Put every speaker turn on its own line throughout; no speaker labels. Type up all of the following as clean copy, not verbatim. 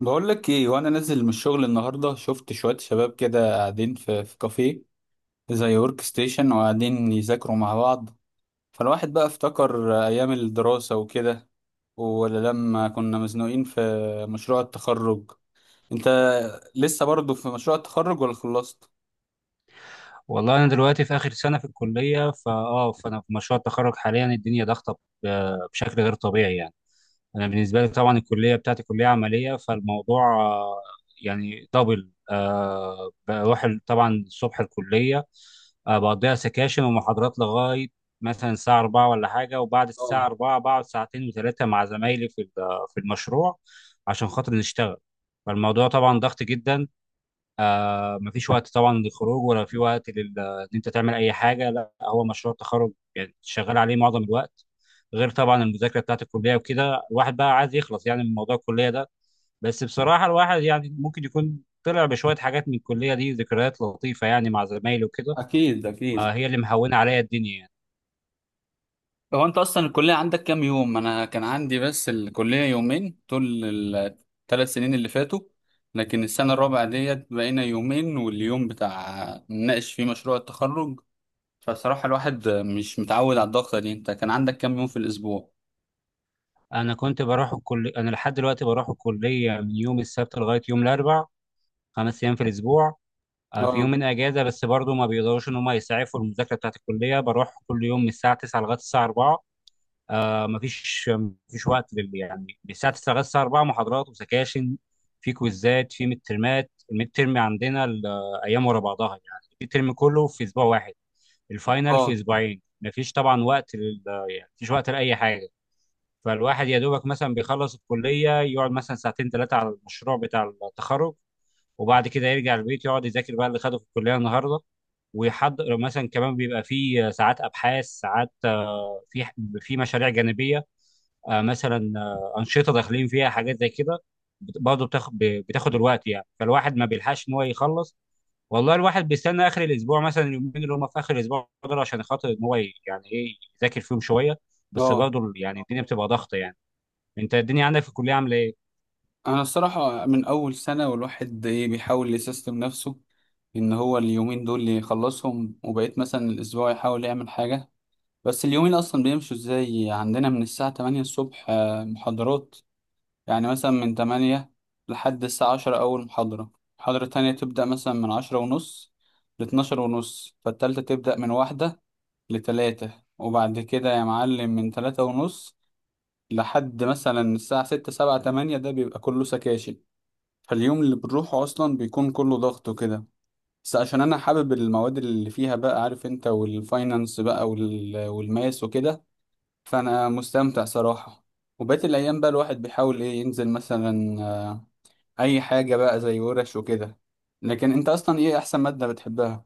بقول لك ايه وانا نازل من الشغل النهارده شفت شويه شباب كده قاعدين في كافيه زي ورك ستيشن وقاعدين يذاكروا مع بعض. فالواحد بقى افتكر ايام الدراسه وكده، ولا لما كنا مزنوقين في مشروع التخرج. انت لسه برضه في مشروع التخرج ولا خلصت؟
والله انا دلوقتي في اخر سنه في الكليه فانا في مشروع التخرج حاليا. الدنيا ضغطه بشكل غير طبيعي يعني. انا بالنسبه لي طبعا الكليه بتاعتي كليه عمليه، فالموضوع يعني دبل بروح طبعا الصبح الكليه بقضيها سكاشن ومحاضرات لغايه مثلا الساعه 4 ولا حاجه، وبعد
اه.
الساعه 4 بقعد ساعتين وثلاثه مع زمايلي في المشروع عشان خاطر نشتغل. فالموضوع طبعا ضغط جدا، مفيش وقت طبعا للخروج، ولا في وقت ان انت تعمل اي حاجه. لا، هو مشروع التخرج يعني شغال عليه معظم الوقت، غير طبعا المذاكره بتاعت الكليه وكده. الواحد بقى عايز يخلص يعني من موضوع الكليه ده. بس بصراحه الواحد يعني ممكن يكون طلع بشويه حاجات من الكليه دي، ذكريات لطيفه يعني مع زمايلي وكده.
اكيد اكيد.
هي اللي مهونه عليا الدنيا يعني.
هو انت اصلا الكليه عندك كام يوم؟ انا كان عندي بس الكليه يومين طول الثلاث سنين اللي فاتوا، لكن السنه الرابعه ديت بقينا يومين واليوم بتاع نناقش فيه مشروع التخرج. فصراحه الواحد مش متعود على الضغطه دي. انت كان عندك كام يوم في الاسبوع؟
انا كنت بروح الكليه، انا لحد دلوقتي بروح الكليه من يوم السبت لغايه يوم الاربع، 5 ايام في الاسبوع. في
اه
يومين اجازه بس برضه ما بيقدروش ان هم يسعفوا المذاكره بتاعت الكليه. بروح كل يوم من الساعه 9 لغايه الساعه 4، مفيش وقت لل يعني، من الساعه 9 لغايه الساعه 4 محاضرات وسكاشن. في كويزات، في ميد ترمات، الميد ترم عندنا الايام ورا بعضها يعني الميد ترم كله في اسبوع واحد، الفاينل في
اه
اسبوعين. مفيش طبعا وقت لل يعني، مفيش وقت لاي حاجه. فالواحد يا دوبك مثلا بيخلص الكليه يقعد مثلا ساعتين ثلاثه على المشروع بتاع التخرج، وبعد كده يرجع البيت يقعد يذاكر بقى اللي خده في الكليه النهارده، ويحضر مثلا كمان. بيبقى في ساعات ابحاث، ساعات في في مشاريع جانبيه. مثلا انشطه داخلين فيها حاجات زي كده. برضه بتاخد الوقت يعني، فالواحد ما بيلحقش ان هو يخلص. والله الواحد بيستنى اخر الاسبوع، مثلا اليومين اللي هم في اخر الاسبوع دول، عشان خاطر ان هو يعني ايه، يذاكر فيهم شويه. بس
اه.
برضه يعني الدنيا بتبقى ضغط يعني. انت الدنيا عندك في الكليه عامله ايه؟
انا الصراحه من اول سنه والواحد ايه بيحاول يسيستم نفسه ان هو اليومين دول يخلصهم وبقيت مثلا الاسبوع يحاول يعمل حاجه. بس اليومين اصلا بيمشوا ازاي؟ عندنا من الساعة 8 الصبح محاضرات. يعني مثلا من 8 لحد الساعة 10 اول محاضرة. محاضرة تانية تبدأ مثلا من 10 ونص ل 12 ونص، فالتالتة تبدأ من واحدة لتلاتة. وبعد كده يا معلم من تلاتة ونص لحد مثلا الساعة ستة سبعة تمانية، ده بيبقى كله سكاشن. فاليوم اللي بنروحه أصلا بيكون كله ضغط وكده، بس عشان أنا حابب المواد اللي فيها، بقى عارف أنت، والفاينانس بقى والماس وكده، فانا مستمتع صراحة. وبقيت الايام بقى الواحد بيحاول ايه ينزل مثلا اي حاجة بقى زي ورش وكده. لكن انت اصلا ايه احسن مادة بتحبها؟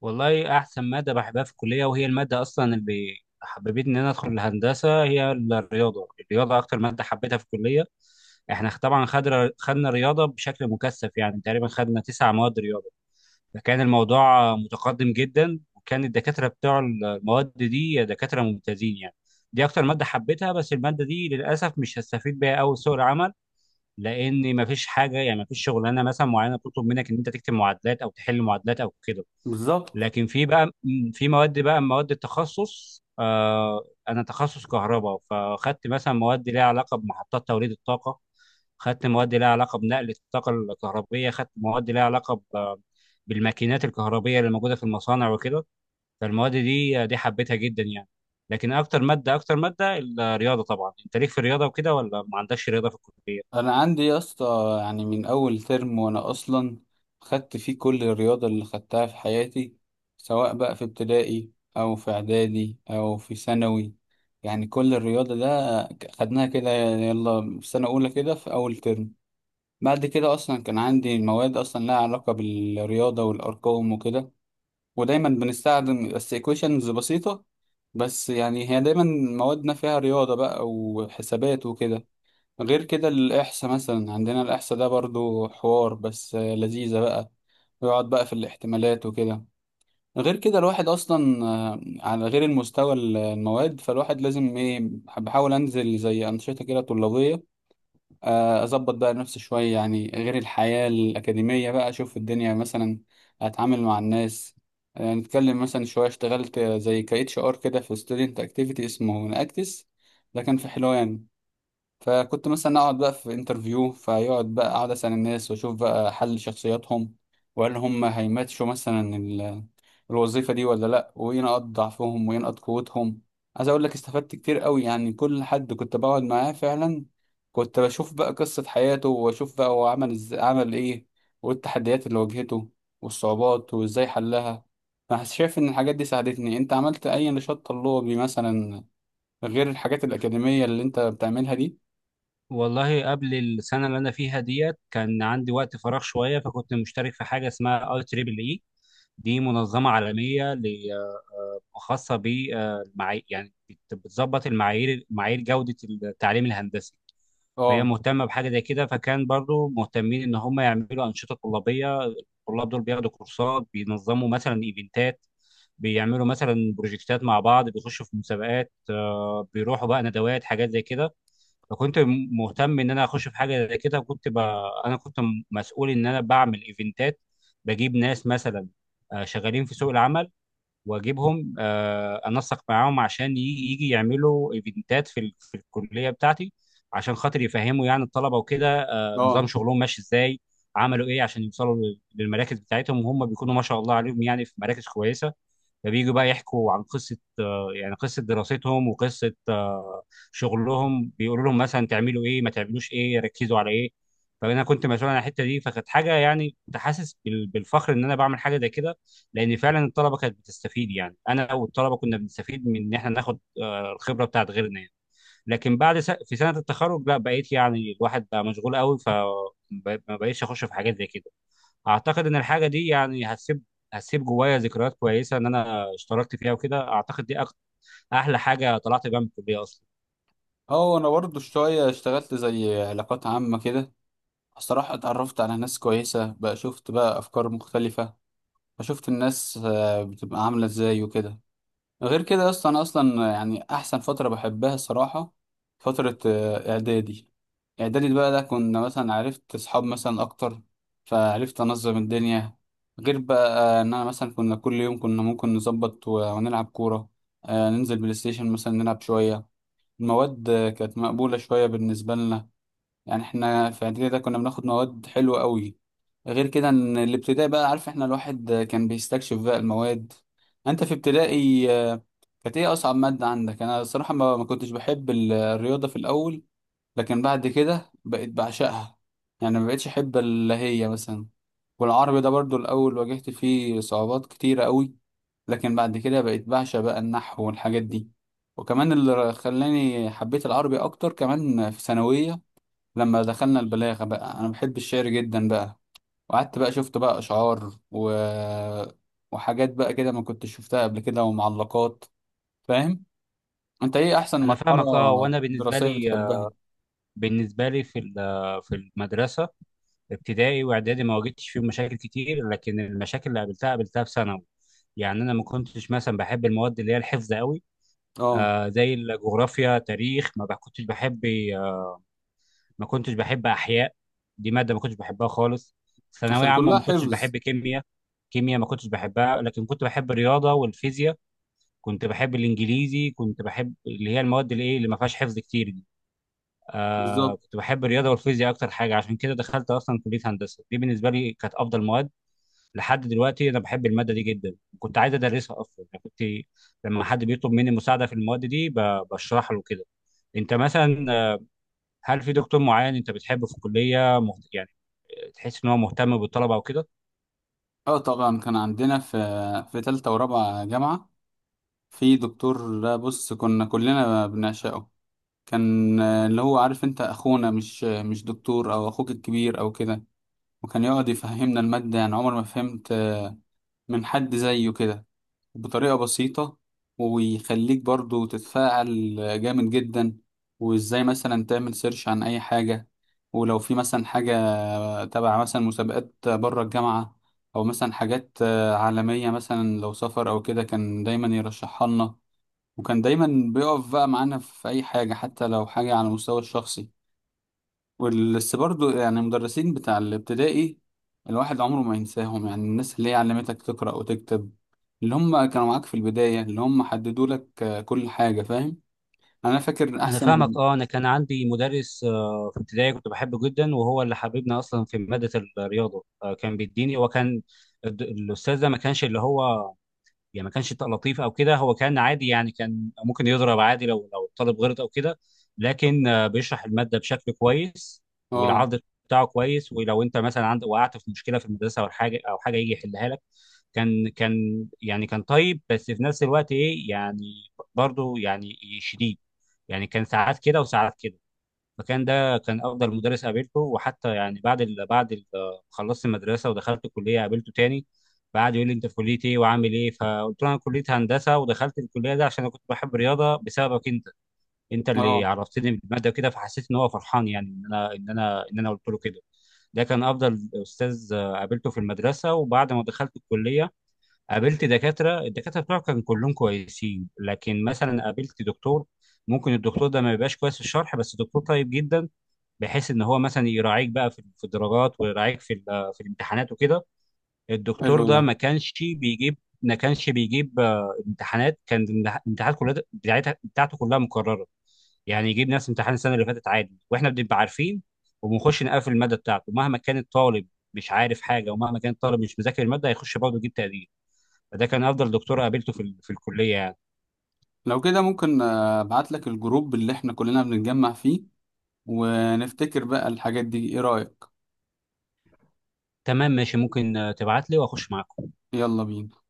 والله احسن ماده بحبها في الكليه، وهي الماده اصلا اللي حببتني ان انا ادخل الهندسه، هي الرياضه. الرياضه اكتر ماده حبيتها في الكليه. احنا طبعا خدنا رياضه بشكل مكثف، يعني تقريبا خدنا 9 مواد رياضه. فكان الموضوع متقدم جدا، وكان الدكاتره بتوع المواد دي دكاتره ممتازين يعني. دي اكتر ماده حبيتها، بس الماده دي للاسف مش هستفيد بيها قوي في سوق العمل، لان مفيش حاجه يعني، مفيش شغلانه مثلا معينه بتطلب منك ان انت تكتب معادلات او تحل معادلات او كده.
بالظبط.
لكن في بقى في مواد بقى، مواد التخصص. انا تخصص كهرباء، فخدت مثلا مواد ليها علاقه بمحطات توليد الطاقه، خدت مواد ليها علاقه بنقل الطاقه الكهربيه، خدت مواد ليها علاقه بالماكينات الكهربيه اللي موجوده في المصانع وكده. فالمواد دي حبيتها جدا يعني. لكن اكتر ماده، اكتر ماده الرياضه طبعا. انت ليك في الرياضه وكده ولا ما عندكش رياضه في الكليه؟
انا عندي يا اسطى يعني من اول ترم وانا اصلا خدت فيه كل الرياضة اللي خدتها في حياتي، سواء بقى في ابتدائي او في اعدادي او في ثانوي. يعني كل الرياضة ده خدناها كده يلا في سنة اولى كده في اول ترم. بعد كده اصلا كان عندي مواد اصلا لها علاقه بالرياضه والارقام وكده، ودايما بنستخدم بس equations بسيطه. بس يعني هي دايما موادنا فيها رياضه بقى وحسابات وكده. غير كده الاحصاء مثلا، عندنا الاحصاء ده برضو حوار، بس لذيذه بقى، ويقعد بقى في الاحتمالات وكده. غير كده الواحد اصلا على غير المستوى المواد، فالواحد لازم ايه بحاول انزل زي انشطه كده طلابيه، اظبط بقى نفسي شويه يعني غير الحياه الاكاديميه بقى، اشوف الدنيا مثلا، اتعامل مع الناس، نتكلم مثلا شويه. اشتغلت زي ك اتش ار كده في ستودنت اكتيفيتي اسمه ناكتس، ده كان في حلوان. فكنت مثلا اقعد بقى في انترفيو فيقعد بقى اقعد اسال الناس واشوف بقى حل شخصياتهم، وهل هم هيماتشوا مثلا الوظيفة دي ولا لأ، وينقط ضعفهم وينقط قوتهم. عايز أقول لك استفدت كتير قوي. يعني كل حد كنت بقعد معاه فعلا كنت بشوف بقى قصة حياته وأشوف بقى هو عمل إيه، والتحديات اللي واجهته والصعوبات وإزاي حلها. أنا شايف إن الحاجات دي ساعدتني. أنت عملت أي نشاط طلابي مثلا، غير الحاجات الأكاديمية اللي أنت بتعملها دي؟
والله قبل السنه اللي انا فيها ديت كان عندي وقت فراغ شويه، فكنت مشترك في حاجه اسمها اي تريبل اي. دي منظمة عالمية خاصة بالمعايير، يعني بتظبط المعايير، معايير جودة التعليم الهندسي. فهي
أه
مهتمة بحاجة زي كده، فكان برضو مهتمين إن هم يعملوا أنشطة طلابية. الطلاب دول بياخدوا كورسات، بينظموا مثلا إيفنتات، بيعملوا مثلا بروجكتات مع بعض، بيخشوا في مسابقات، بيروحوا بقى ندوات، حاجات زي كده. فكنت مهتم ان انا اخش في حاجه زي كده، انا كنت مسؤول ان انا بعمل ايفنتات، بجيب ناس مثلا شغالين في سوق العمل، واجيبهم انسق معاهم عشان يجي يعملوا ايفنتات في الكليه بتاعتي، عشان خاطر يفهموا يعني الطلبه وكده نظام
أه
شغلهم ماشي ازاي، عملوا ايه عشان يوصلوا للمراكز بتاعتهم. وهم بيكونوا ما شاء الله عليهم يعني في مراكز كويسه. فبييجوا بقى يحكوا عن قصة يعني قصة دراستهم، وقصة شغلهم، بيقولوا لهم مثلا تعملوا ايه، ما تعملوش ايه، ركزوا على ايه. فانا كنت مسؤول عن الحتة دي، فكانت حاجة يعني، كنت حاسس بالفخر ان انا بعمل حاجة زي كده، لان فعلا الطلبة كانت بتستفيد. يعني انا والطلبة كنا بنستفيد من ان احنا ناخد الخبرة بتاعت غيرنا يعني. لكن بعد في سنة التخرج لا، بقيت يعني الواحد بقى مشغول قوي، ف ما بقيتش اخش في حاجات زي كده. اعتقد ان الحاجه دي يعني هتسيب جوايا ذكريات كويسه ان انا اشتركت فيها وكده. اعتقد دي احلى حاجه طلعت بيها من الكليه اصلا.
أه. أنا برضه شوية اشتغلت زي علاقات عامة كده. الصراحة اتعرفت على ناس كويسة بقى، شفت بقى أفكار مختلفة، فشفت الناس بتبقى عاملة ازاي وكده. غير كده يا اسطى انا اصلا يعني احسن فترة بحبها الصراحة فترة اعدادي. اعدادي بقى ده كنا مثلا عرفت اصحاب مثلا اكتر، فعرفت انظم الدنيا، غير بقى ان انا مثلا كنا كل يوم كنا ممكن نظبط ونلعب كورة، ننزل بلاي ستيشن مثلا نلعب شوية. المواد كانت مقبولة شوية بالنسبة لنا. يعني احنا في اعدادي ده كنا بناخد مواد حلوة قوي. غير كده ان الابتدائي بقى عارف احنا الواحد كان بيستكشف بقى المواد. انت في ابتدائي كانت ايه اصعب مادة عندك؟ انا الصراحة ما كنتش بحب الرياضة في الاول، لكن بعد كده بقيت بعشقها. يعني ما بقيتش احب اللي هي مثلا. والعربي ده برضو الاول واجهت فيه صعوبات كتيرة قوي، لكن بعد كده بقيت بعشق بقى النحو والحاجات دي. وكمان اللي خلاني حبيت العربي اكتر كمان في ثانوية لما دخلنا البلاغة بقى. انا بحب الشعر جدا بقى، وقعدت بقى شفت بقى اشعار وحاجات بقى كده ما كنتش شفتها قبل كده ومعلقات. فاهم؟ انت ايه احسن
انا
مرحله
فاهمك اه، وانا بالنسبه
دراسيه
لي،
بتحبها؟
في في المدرسه، ابتدائي واعدادي ما واجهتش فيهم مشاكل كتير، لكن المشاكل اللي قابلتها قابلتها في ثانوي. يعني انا ما كنتش مثلا بحب المواد اللي هي الحفظ قوي.
اه.
زي الجغرافيا، تاريخ، ما كنتش بحب، ما كنتش بحب احياء، دي ماده ما كنتش بحبها خالص. ثانويه
عشان
عامه
كلها
ما كنتش
حفظ.
بحب كيمياء، كيمياء ما كنتش بحبها، لكن كنت بحب الرياضه والفيزياء، كنت بحب الانجليزي، كنت بحب اللي هي المواد اللي ايه اللي ما فيهاش حفظ كتير دي.
بالظبط.
كنت بحب الرياضه والفيزياء اكتر حاجه، عشان كده دخلت اصلا كليه هندسه، دي بالنسبه لي كانت افضل مواد. لحد دلوقتي انا بحب الماده دي جدا، كنت عايز ادرسها اصلا يعني، كنت لما حد بيطلب مني مساعده في المواد دي بشرح له كده. انت مثلا، هل في دكتور معين انت بتحبه في الكليه يعني تحس ان هو مهتم بالطلبه وكده؟
اه طبعا كان عندنا في تالتة ورابعة جامعة في دكتور. ده بص كنا كلنا بنعشقه. كان اللي هو عارف انت اخونا، مش مش دكتور، او اخوك الكبير او كده. وكان يقعد يفهمنا المادة، يعني عمر ما فهمت من حد زيه كده، بطريقة بسيطة، ويخليك برضو تتفاعل. جامد جدا. وازاي مثلا تعمل سيرش عن اي حاجة، ولو في مثلا حاجة تبع مثلا مسابقات بره الجامعة، او مثلا حاجات عالمية، مثلا لو سفر او كده، كان دايما يرشحها لنا. وكان دايما بيقف بقى معانا في اي حاجة، حتى لو حاجة على المستوى الشخصي. بس برضو يعني المدرسين بتاع الابتدائي الواحد عمره ما ينساهم. يعني الناس اللي هي علمتك تقرأ وتكتب، اللي هم كانوا معاك في البداية، اللي هم حددوا لك كل حاجة. فاهم؟ أنا فاكر
انا فاهمك
أحسن.
اه. انا كان عندي مدرس في ابتدائي كنت بحبه جدا، وهو اللي حببنا اصلا في ماده الرياضه. كان بيديني، وكان الاستاذ ده ما كانش اللي هو يعني، ما كانش لطيف او كده، هو كان عادي يعني، كان ممكن يضرب عادي لو الطالب غلط او كده. لكن بيشرح الماده بشكل كويس،
اه
والعرض بتاعه كويس. ولو انت مثلا عندك، وقعت في مشكله في المدرسه او حاجه او حاجه يجي يحلها لك. كان يعني كان طيب بس في نفس الوقت ايه يعني، برضه يعني شديد، يعني كان ساعات كده وساعات كده. المكان ده كان افضل مدرس قابلته. وحتى يعني بعد خلصت المدرسه ودخلت الكليه قابلته تاني، فقعد يقول لي انت في كليه ايه وعامل ايه، فقلت له انا كليه هندسه ودخلت الكليه دي عشان انا كنت بحب الرياضه بسببك انت، انت اللي
اه.
عرفتني بالماده كده. فحسيت ان هو فرحان يعني ان انا قلت له كده. ده كان افضل استاذ قابلته في المدرسه. وبعد ما دخلت الكليه قابلت دكاتره، الدكاتره بتوعي كانوا كلهم كويسين. لكن مثلا قابلت دكتور، ممكن الدكتور ده ما يبقاش كويس في الشرح بس دكتور طيب جدا، بحيث ان هو مثلا يراعيك بقى في الدرجات، ويراعيك في الامتحانات وكده. الدكتور
حلو ده.
ده ما كانش بيجيب امتحانات. كان الامتحانات كلها بتاعتها بتاعته كلها مكرره، يعني يجيب نفس امتحان السنه اللي فاتت عادي، واحنا بنبقى عارفين وبنخش نقفل الماده بتاعته. مهما كان الطالب مش عارف حاجه، ومهما كان الطالب مش مذاكر الماده، هيخش برضه يجيب تقدير. فده كان افضل دكتور قابلته في الكليه يعني.
لو كده ممكن أبعت لك الجروب اللي احنا كلنا بنتجمع فيه، ونفتكر بقى الحاجات دي. ايه رأيك؟
تمام، ماشي، ممكن تبعت لي واخش معاك.
يلا بينا.